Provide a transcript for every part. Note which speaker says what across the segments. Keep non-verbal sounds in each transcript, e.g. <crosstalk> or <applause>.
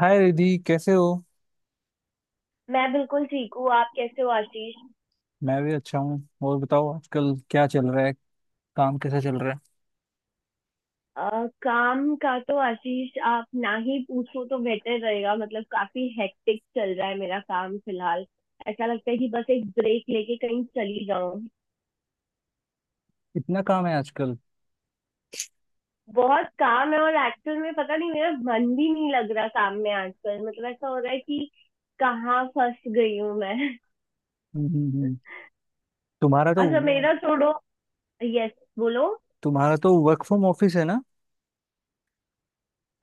Speaker 1: हाय रिधि, कैसे हो?
Speaker 2: मैं बिल्कुल ठीक हूँ। आप कैसे हो, आशीष?
Speaker 1: मैं भी अच्छा हूँ। और बताओ, आजकल क्या चल रहा है? काम कैसा चल रहा है?
Speaker 2: काम का तो, आशीष, आप ना ही पूछो तो बेहतर रहेगा। मतलब काफी हेक्टिक चल रहा है मेरा काम फिलहाल। ऐसा लगता है कि बस एक ब्रेक लेके कहीं चली जाऊं।
Speaker 1: इतना काम है आजकल?
Speaker 2: बहुत काम है, और एक्चुअल में पता नहीं, मेरा मन भी नहीं लग रहा काम में आजकल। मतलब ऐसा हो रहा है कि कहाँ फंस गई हूँ मैं।
Speaker 1: हम्म, तुम्हारा
Speaker 2: <laughs>
Speaker 1: तो
Speaker 2: अच्छा, मेरा छोड़ो। यस, बोलो।
Speaker 1: तुम्हारा तो वर्क फ्रॉम ऑफिस है ना?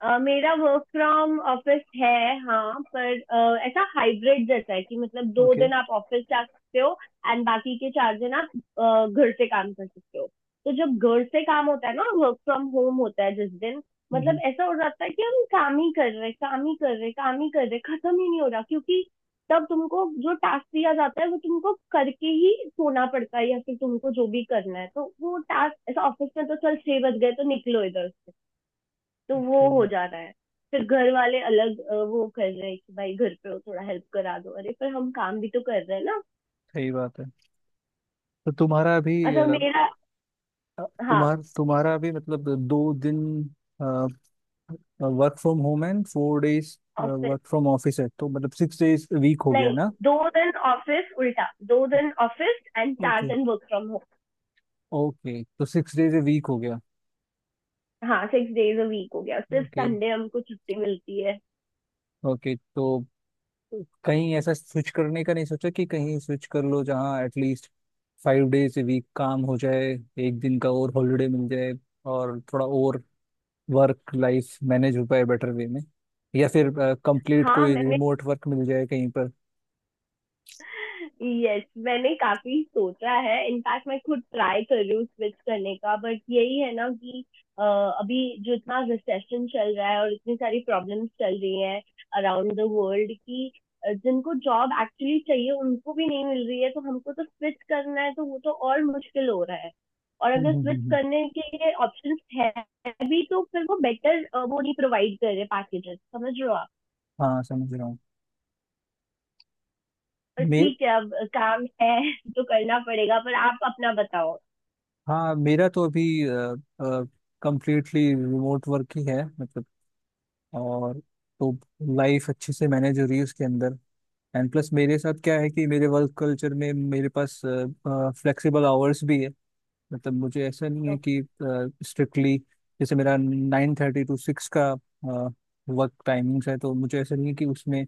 Speaker 2: मेरा वर्क फ्रॉम ऑफिस है। हाँ, पर ऐसा हाइब्रिड जैसा है कि मतलब दो
Speaker 1: ओके।
Speaker 2: दिन आप ऑफिस जा सकते हो। एंड बाकी के 4 दिन आप घर से काम कर सकते हो। तो जब घर से काम होता है ना, वर्क फ्रॉम होम होता है जिस दिन,
Speaker 1: हम्म,
Speaker 2: मतलब ऐसा हो जाता है कि हम काम ही कर रहे, काम ही कर रहे, काम ही कर रहे, खत्म ही नहीं हो रहा, क्योंकि तब तुमको जो टास्क दिया जाता है वो तुमको करके ही सोना पड़ता है। या फिर तुमको जो भी करना है, तो वो टास्क ऐसा ऑफिस में तो चल, 6 बज गए तो निकलो इधर से। तो वो
Speaker 1: ओके।
Speaker 2: हो जा रहा है। फिर घर वाले अलग वो कर रहे हैं कि भाई घर पे हो थोड़ा हेल्प करा दो। अरे पर हम काम भी तो कर रहे हैं ना।
Speaker 1: सही बात है। तो
Speaker 2: अच्छा मेरा। हाँ।
Speaker 1: तुम्हारा अभी मतलब 2 दिन work from home and 4 days
Speaker 2: office.
Speaker 1: Work from office है, तो मतलब 6 days week हो गया
Speaker 2: नहीं,
Speaker 1: ना?
Speaker 2: 2 दिन ऑफिस, उल्टा 2 दिन ऑफिस एंड चार
Speaker 1: ओके।
Speaker 2: दिन वर्क फ्रॉम होम।
Speaker 1: ओके, तो 6 days a week हो गया।
Speaker 2: हाँ, 6 डेज अ वीक हो गया, सिर्फ
Speaker 1: ओके।
Speaker 2: संडे हमको छुट्टी मिलती है।
Speaker 1: ओके, तो कहीं ऐसा स्विच करने का नहीं सोचा कि कहीं स्विच कर लो जहाँ एटलीस्ट 5 days a week काम हो जाए, एक दिन का और हॉलीडे मिल जाए, और थोड़ा और वर्क लाइफ मैनेज हो पाए बेटर वे में, या फिर कंप्लीट
Speaker 2: हाँ
Speaker 1: कोई
Speaker 2: मैंने
Speaker 1: रिमोट वर्क मिल जाए कहीं पर।
Speaker 2: यस, मैंने काफी सोचा है। इनफैक्ट मैं खुद ट्राई कर रही हूँ स्विच करने का, बट यही है ना कि अभी जो इतना रिसेशन चल रहा है और इतनी सारी प्रॉब्लम्स चल रही हैं अराउंड द वर्ल्ड की, जिनको जॉब एक्चुअली चाहिए उनको भी नहीं मिल रही है, तो हमको तो स्विच करना है तो वो तो और मुश्किल हो रहा है। और
Speaker 1: हम्म,
Speaker 2: अगर
Speaker 1: हम्म,
Speaker 2: स्विच करने के लिए ऑप्शंस है भी, तो फिर वो बेटर वो नहीं प्रोवाइड कर रहे पैकेजेस। समझ रहे हो आप?
Speaker 1: हाँ, समझ रहा हूँ। मे
Speaker 2: ठीक है, अब काम है तो करना पड़ेगा। पर आप अपना बताओ।
Speaker 1: हाँ, मेरा तो अभी कंप्लीटली रिमोट वर्क ही है, मतलब। और तो लाइफ अच्छे से मैनेज हो रही है उसके अंदर। एंड प्लस मेरे साथ क्या है कि मेरे वर्क कल्चर में मेरे पास फ्लेक्सिबल आवर्स भी है। मतलब मुझे ऐसा नहीं है कि स्ट्रिक्टली, जैसे मेरा 9:30 to 6 का वर्क टाइमिंग्स है, तो मुझे ऐसा नहीं है कि उसमें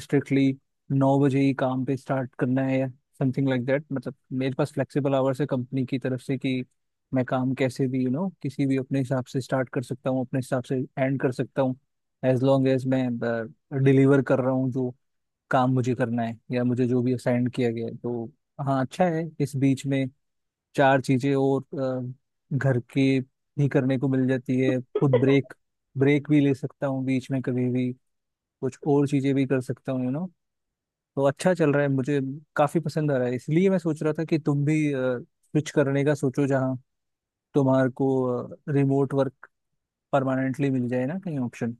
Speaker 1: स्ट्रिक्टली 9 बजे ही काम पे स्टार्ट करना है या समथिंग लाइक दैट, मतलब। मेरे पास फ्लेक्सिबल आवर्स है कंपनी की तरफ से, कि मैं काम कैसे भी यू you नो know, किसी भी अपने हिसाब से स्टार्ट कर सकता हूँ, अपने हिसाब से एंड कर सकता हूँ। एज लॉन्ग एज मैं डिलीवर कर रहा हूँ जो काम मुझे करना है या मुझे जो भी असाइन किया गया है तो। हाँ, अच्छा है। इस बीच में चार चीजें और घर के भी करने को मिल जाती है, खुद ब्रेक ब्रेक भी ले सकता हूँ बीच में कभी भी, कुछ और चीजें भी कर सकता हूँ। तो अच्छा चल रहा है, मुझे काफी पसंद आ रहा है। इसलिए मैं सोच रहा था कि तुम भी स्विच करने का सोचो जहाँ तुम्हारे को रिमोट वर्क परमानेंटली मिल जाए ना कहीं, ऑप्शन।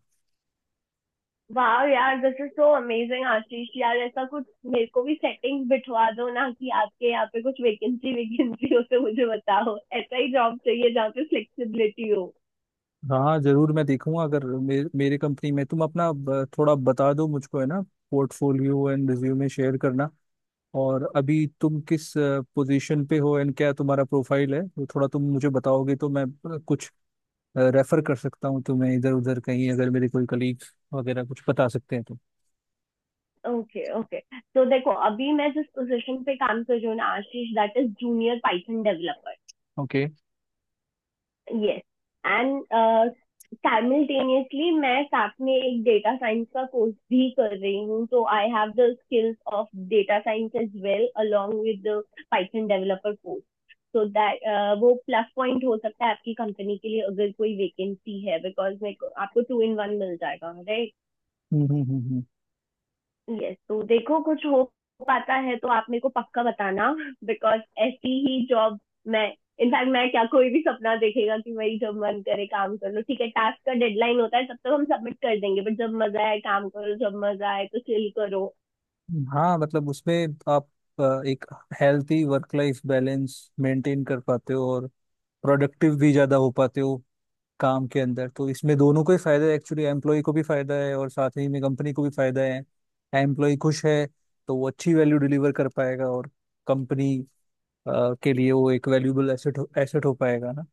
Speaker 2: वाह यार, this is so amazing. Ashish यार, ऐसा कुछ मेरे को भी सेटिंग्स बिठवा दो ना कि आपके यहाँ पे कुछ वैकेंसी वैकेंसी हो तो मुझे बताओ। ऐसा ही जॉब चाहिए जहाँ पे फ्लेक्सिबिलिटी हो।
Speaker 1: हाँ, जरूर। मैं देखूंगा, अगर मेरे कंपनी में तुम अपना थोड़ा बता दो मुझको, है ना। पोर्टफोलियो एंड रिज्यूमे शेयर करना। और अभी तुम किस पोजीशन पे हो, एंड क्या तुम्हारा प्रोफाइल है, वो थोड़ा तुम मुझे बताओगे तो मैं कुछ रेफर कर सकता हूँ तुम्हें इधर उधर कहीं, अगर मेरे कोई कलीग वगैरह कुछ बता सकते हैं तो।
Speaker 2: Okay, okay. तो देखो, अभी मैं जिस पोजीशन पे काम कर रही हूँ ना Ashish, that is junior Python developer.
Speaker 1: Okay,
Speaker 2: yes. And simultaneously मैं साथ में एक डेटा साइंस का कोर्स भी कर रही हूँ, तो I have the skills of data science as well along with the Python developer course. So that वो प्लस पॉइंट हो सकता है आपकी कंपनी के लिए अगर कोई वेकेंसी है, बिकॉज मेरे को आपको टू इन वन मिल जाएगा, right?
Speaker 1: Hmm, hmm, hmm,
Speaker 2: yes, तो देखो कुछ हो पाता है तो आप मेरे को पक्का बताना, बिकॉज ऐसी ही जॉब मैं इनफैक्ट मैं क्या, कोई भी सपना देखेगा कि मेरी जब मन करे काम कर लो, ठीक है, टास्क का डेडलाइन होता है तब तक हम सबमिट कर देंगे, बट जब मजा आए काम करो, जब मजा आए तो चिल करो।
Speaker 1: हाँ, मतलब उसमें आप एक healthy work life balance maintain कर पाते हो और प्रोडक्टिव भी ज्यादा हो पाते हो काम के अंदर। तो इसमें दोनों को ही फायदा है एक्चुअली, एम्प्लॉय को भी फायदा है और साथ ही में कंपनी को भी फायदा है। एम्प्लॉय खुश है तो वो अच्छी वैल्यू डिलीवर कर पाएगा, और कंपनी के लिए वो एक वैल्यूबल एसेट एसेट हो पाएगा ना।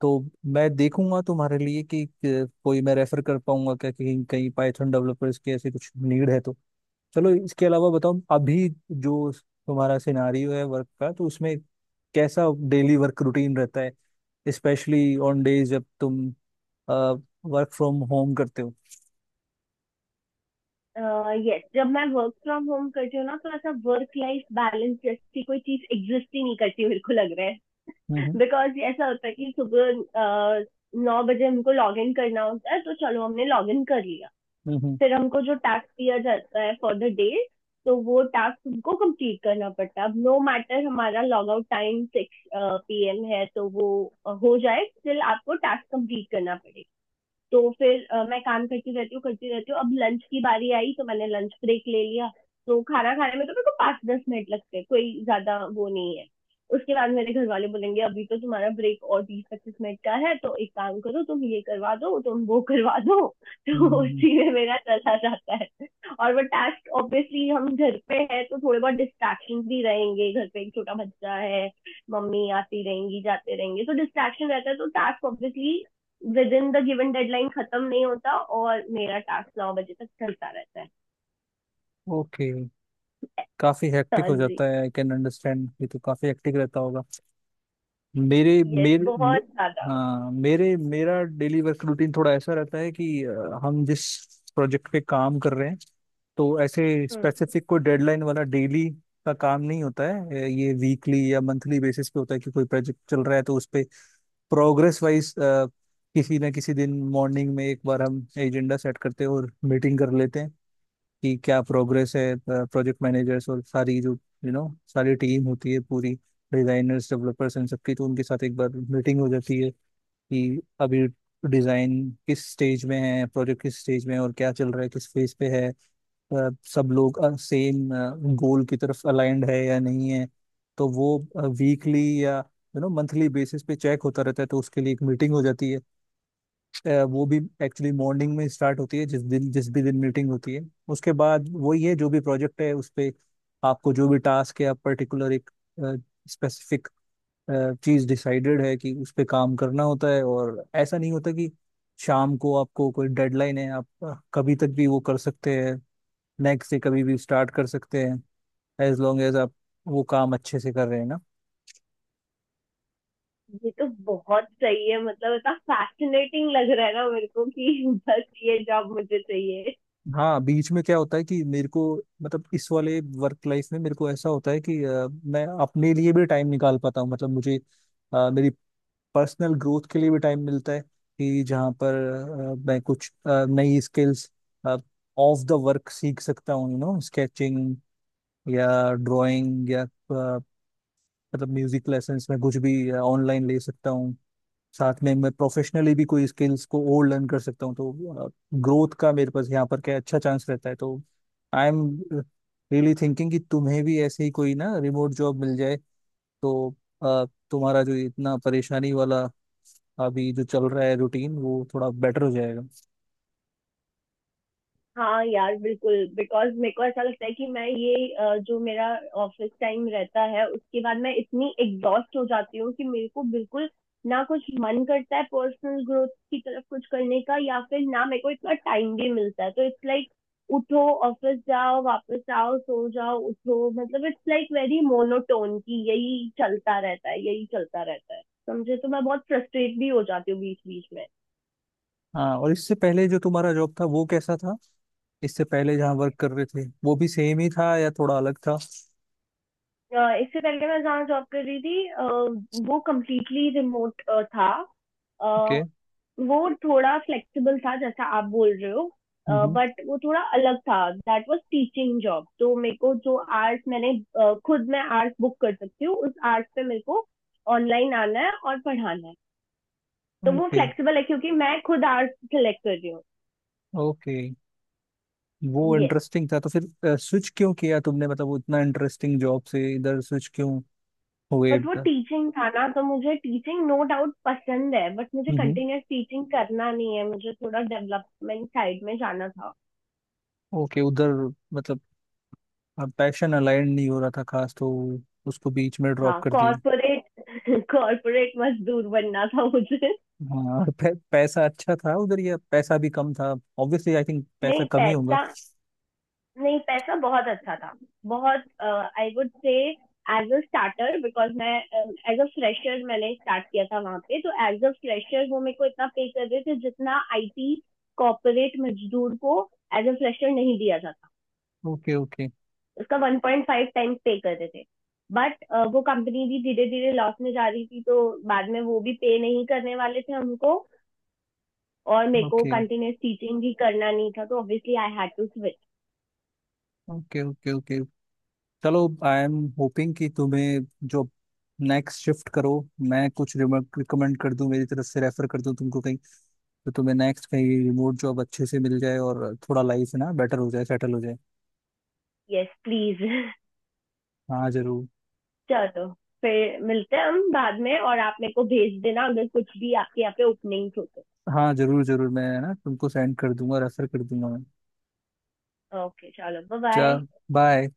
Speaker 1: तो मैं देखूंगा तुम्हारे लिए, कि कोई मैं रेफर कर पाऊंगा क्या, कहीं कहीं पाइथन डेवलपर्स की ऐसी कुछ नीड है तो। चलो, इसके अलावा बताओ, अभी जो तुम्हारा सिनारियो है वर्क का, तो उसमें कैसा डेली वर्क रूटीन रहता है, स्पेशली ऑन डेज जब तुम वर्क फ्रॉम होम करते हो?
Speaker 2: यस, जब मैं वर्क फ्रॉम होम करती हूँ ना, तो ऐसा वर्क लाइफ बैलेंस जैसी कोई चीज एग्जिस्ट ही नहीं करती, मेरे को लग रहा है।
Speaker 1: हम्म,
Speaker 2: बिकॉज ऐसा होता है कि सुबह 9 बजे हमको लॉग इन करना होता है, तो चलो हमने लॉग इन कर लिया।
Speaker 1: हम्म,
Speaker 2: फिर हमको जो टास्क दिया जाता है फॉर द डे, तो वो टास्क हमको कंप्लीट करना पड़ता है। अब नो मैटर हमारा लॉग आउट टाइम 6 PM है तो वो हो जाए, स्टिल आपको टास्क कंप्लीट करना पड़ेगा। तो फिर मैं काम करती रहती हूँ, करती रहती हूँ। अब लंच की बारी आई तो मैंने लंच ब्रेक ले लिया। तो खाना खाने में तो मेरे को 5-10 मिनट लगते हैं, कोई ज्यादा वो नहीं है। उसके बाद मेरे घर वाले बोलेंगे अभी तो तुम्हारा ब्रेक और 20-25 मिनट का है, तो एक काम करो, तुम ये करवा दो, तुम वो करवा दो। <laughs> तो
Speaker 1: हम्म।
Speaker 2: उसी में मेरा चला जाता है। और वो टास्क ऑब्वियसली, हम घर पे है तो थोड़े बहुत डिस्ट्रैक्शन भी रहेंगे। घर पे एक छोटा बच्चा है, मम्मी आती रहेंगी जाते रहेंगे, तो डिस्ट्रैक्शन रहता है, तो task obviously within the given deadline खत्म नहीं होता, और मेरा टास्क 9 बजे तक चलता रहता है।
Speaker 1: ओके, काफी हेक्टिक
Speaker 2: हाँ
Speaker 1: हो
Speaker 2: जी।
Speaker 1: जाता है। आई कैन अंडरस्टैंड, ये तो काफी हेक्टिक रहता होगा। मेरे
Speaker 2: यस,
Speaker 1: मेरे मे,
Speaker 2: बहुत ज्यादा।
Speaker 1: हाँ, मेरे मेरा डेली वर्क रूटीन थोड़ा ऐसा रहता है कि हम जिस प्रोजेक्ट पे काम कर रहे हैं, तो ऐसे स्पेसिफिक कोई डेडलाइन वाला डेली का काम नहीं होता है, ये वीकली या मंथली बेसिस पे होता है कि कोई प्रोजेक्ट चल रहा है, तो उस पे प्रोग्रेस वाइज किसी ना किसी दिन मॉर्निंग में एक बार हम एजेंडा सेट करते हैं और मीटिंग कर लेते हैं कि क्या प्रोग्रेस है। प्रोजेक्ट मैनेजर्स और सारी जो यू नो सारी टीम होती है पूरी, डिजाइनर्स, डेवलपर्स, इन सबकी, तो उनके साथ एक बार मीटिंग हो जाती है, कि अभी डिजाइन किस स्टेज में है, प्रोजेक्ट किस स्टेज में है, और क्या चल रहा है, किस फेज पे है, सब लोग सेम गोल की तरफ अलाइंड है या नहीं है। तो वो वीकली या मंथली बेसिस पे चेक होता रहता है, तो उसके लिए एक मीटिंग हो जाती है। वो भी एक्चुअली मॉर्निंग में स्टार्ट होती है जिस भी दिन मीटिंग होती है। उसके बाद वही है, जो भी प्रोजेक्ट है उस पे आपको जो भी टास्क है, आप पर्टिकुलर एक स्पेसिफिक चीज डिसाइडेड है कि उस पे काम करना होता है। और ऐसा नहीं होता कि शाम को आपको कोई डेडलाइन है, आप कभी तक भी वो कर सकते हैं, नेक्स्ट डे कभी भी स्टार्ट कर सकते हैं, एज लॉन्ग एज आप वो काम अच्छे से कर रहे हैं ना।
Speaker 2: ये तो बहुत सही है, मतलब इतना फैसिनेटिंग लग रहा है ना मेरे को, कि बस ये जॉब मुझे चाहिए।
Speaker 1: हाँ, बीच में क्या होता है कि मेरे को, मतलब इस वाले वर्क लाइफ में मेरे को ऐसा होता है कि मैं अपने लिए भी टाइम निकाल पाता हूँ, मतलब मुझे मेरी पर्सनल ग्रोथ के लिए भी टाइम मिलता है कि जहाँ पर मैं कुछ नई स्किल्स ऑफ द वर्क सीख सकता हूँ, स्केचिंग या ड्राइंग या मतलब म्यूजिक लेसन्स में कुछ भी ऑनलाइन ले सकता हूँ। साथ में मैं प्रोफेशनली भी कोई स्किल्स को और लर्न कर सकता हूँ, तो ग्रोथ का मेरे पास यहाँ पर क्या अच्छा चांस रहता है। तो आई एम रियली थिंकिंग कि तुम्हें भी ऐसे ही कोई ना रिमोट जॉब मिल जाए, तो अ, तुम्हारा जो इतना परेशानी वाला अभी जो चल रहा है रूटीन, वो थोड़ा बेटर हो जाएगा।
Speaker 2: हाँ यार, बिल्कुल। बिकॉज मेरे को ऐसा लगता है कि मैं ये जो मेरा ऑफिस टाइम रहता है उसके बाद मैं इतनी एग्जॉस्ट हो जाती हूँ कि मेरे को बिल्कुल ना कुछ मन करता है पर्सनल ग्रोथ की तरफ कुछ करने का, या फिर ना मेरे को इतना टाइम भी मिलता है। तो इट्स लाइक उठो, ऑफिस जाओ, वापस आओ, सो जाओ, उठो, मतलब इट्स लाइक वेरी मोनोटोन, की यही चलता रहता है, यही चलता रहता है, समझे? तो मैं बहुत फ्रस्ट्रेट भी हो जाती हूँ बीच बीच में।
Speaker 1: हाँ, और इससे पहले जो तुम्हारा जॉब था वो कैसा था? इससे पहले जहाँ वर्क कर रहे थे वो भी सेम ही था या थोड़ा अलग था?
Speaker 2: इससे पहले मैं जहाँ जॉब कर रही थी, वो कम्प्लीटली रिमोट था। अ,
Speaker 1: ओके।
Speaker 2: वो थोड़ा फ्लेक्सिबल था जैसा आप बोल रहे हो।
Speaker 1: हम्म।
Speaker 2: बट वो थोड़ा अलग था, दैट वाज टीचिंग जॉब। तो मेरे को जो आर्ट्स मैंने खुद मैं आर्ट्स बुक कर सकती हूँ, उस आर्ट्स पे मेरे को ऑनलाइन आना है और पढ़ाना है। तो वो
Speaker 1: ओके।
Speaker 2: फ्लेक्सिबल है क्योंकि मैं खुद आर्ट्स सेलेक्ट कर रही हूँ।
Speaker 1: ओके, वो
Speaker 2: Yes।
Speaker 1: इंटरेस्टिंग था, तो फिर स्विच क्यों किया तुमने, मतलब वो इतना इंटरेस्टिंग जॉब से इधर स्विच क्यों हो गए?
Speaker 2: बट वो टीचिंग था ना, तो मुझे टीचिंग नो डाउट पसंद है, बट मुझे
Speaker 1: हम्म।
Speaker 2: कंटिन्यूस टीचिंग करना नहीं है, मुझे थोड़ा डेवलपमेंट साइड में जाना था।
Speaker 1: ओके, उधर मतलब पैशन अलाइन नहीं हो रहा था खास, तो उसको बीच में ड्रॉप
Speaker 2: हाँ।
Speaker 1: कर दिए।
Speaker 2: कॉर्पोरेट, कॉर्पोरेट <laughs> मजदूर बनना था मुझे।
Speaker 1: हाँ <laughs> और पैसा अच्छा था उधर या पैसा भी कम था? ऑब्वियसली आई थिंक पैसा
Speaker 2: नहीं
Speaker 1: कम ही होगा।
Speaker 2: पैसा नहीं, पैसा बहुत अच्छा था। बहुत। I would say as a starter, because मैं एज अ फ्रेशर मैंने स्टार्ट किया था वहां पे, तो एज अ फ्रेशर वो मेरे को इतना पे कर रहे थे जितना आईटी कॉर्पोरेट मजदूर को एज अ फ्रेशर नहीं दिया जाता।
Speaker 1: ओके, ओके,
Speaker 2: उसका 1.5 टाइम्स पे करते थे। बट वो कंपनी भी धीरे धीरे लॉस में जा रही थी, तो बाद में वो भी पे नहीं करने वाले थे हमको। और मेरे को
Speaker 1: ओके,
Speaker 2: कंटिन्यूस टीचिंग भी करना नहीं था तो obviously I had to switch.
Speaker 1: Okay, okay, okay. चलो, आई एम होपिंग कि तुम्हें जो नेक्स्ट शिफ्ट करो, मैं कुछ रिकमेंड कर दूं मेरी तरफ से, रेफर कर दूं तुमको कहीं, तो तुम्हें नेक्स्ट कहीं रिमोट जॉब अच्छे से मिल जाए और थोड़ा लाइफ ना बेटर हो जाए, सेटल हो जाए।
Speaker 2: Yes please.
Speaker 1: हाँ, जरूर।
Speaker 2: <laughs> चलो, तो फिर मिलते हैं हम बाद में, और आप मेरे को भेज देना अगर कुछ भी आपके यहाँ पे ओपनिंग्स हो तो।
Speaker 1: हाँ, जरूर, जरूर। मैं ना तुमको सेंड कर दूंगा, रेफर कर दूंगा मैं।
Speaker 2: ओके, चलो। Bye, bye.
Speaker 1: चल, बाय।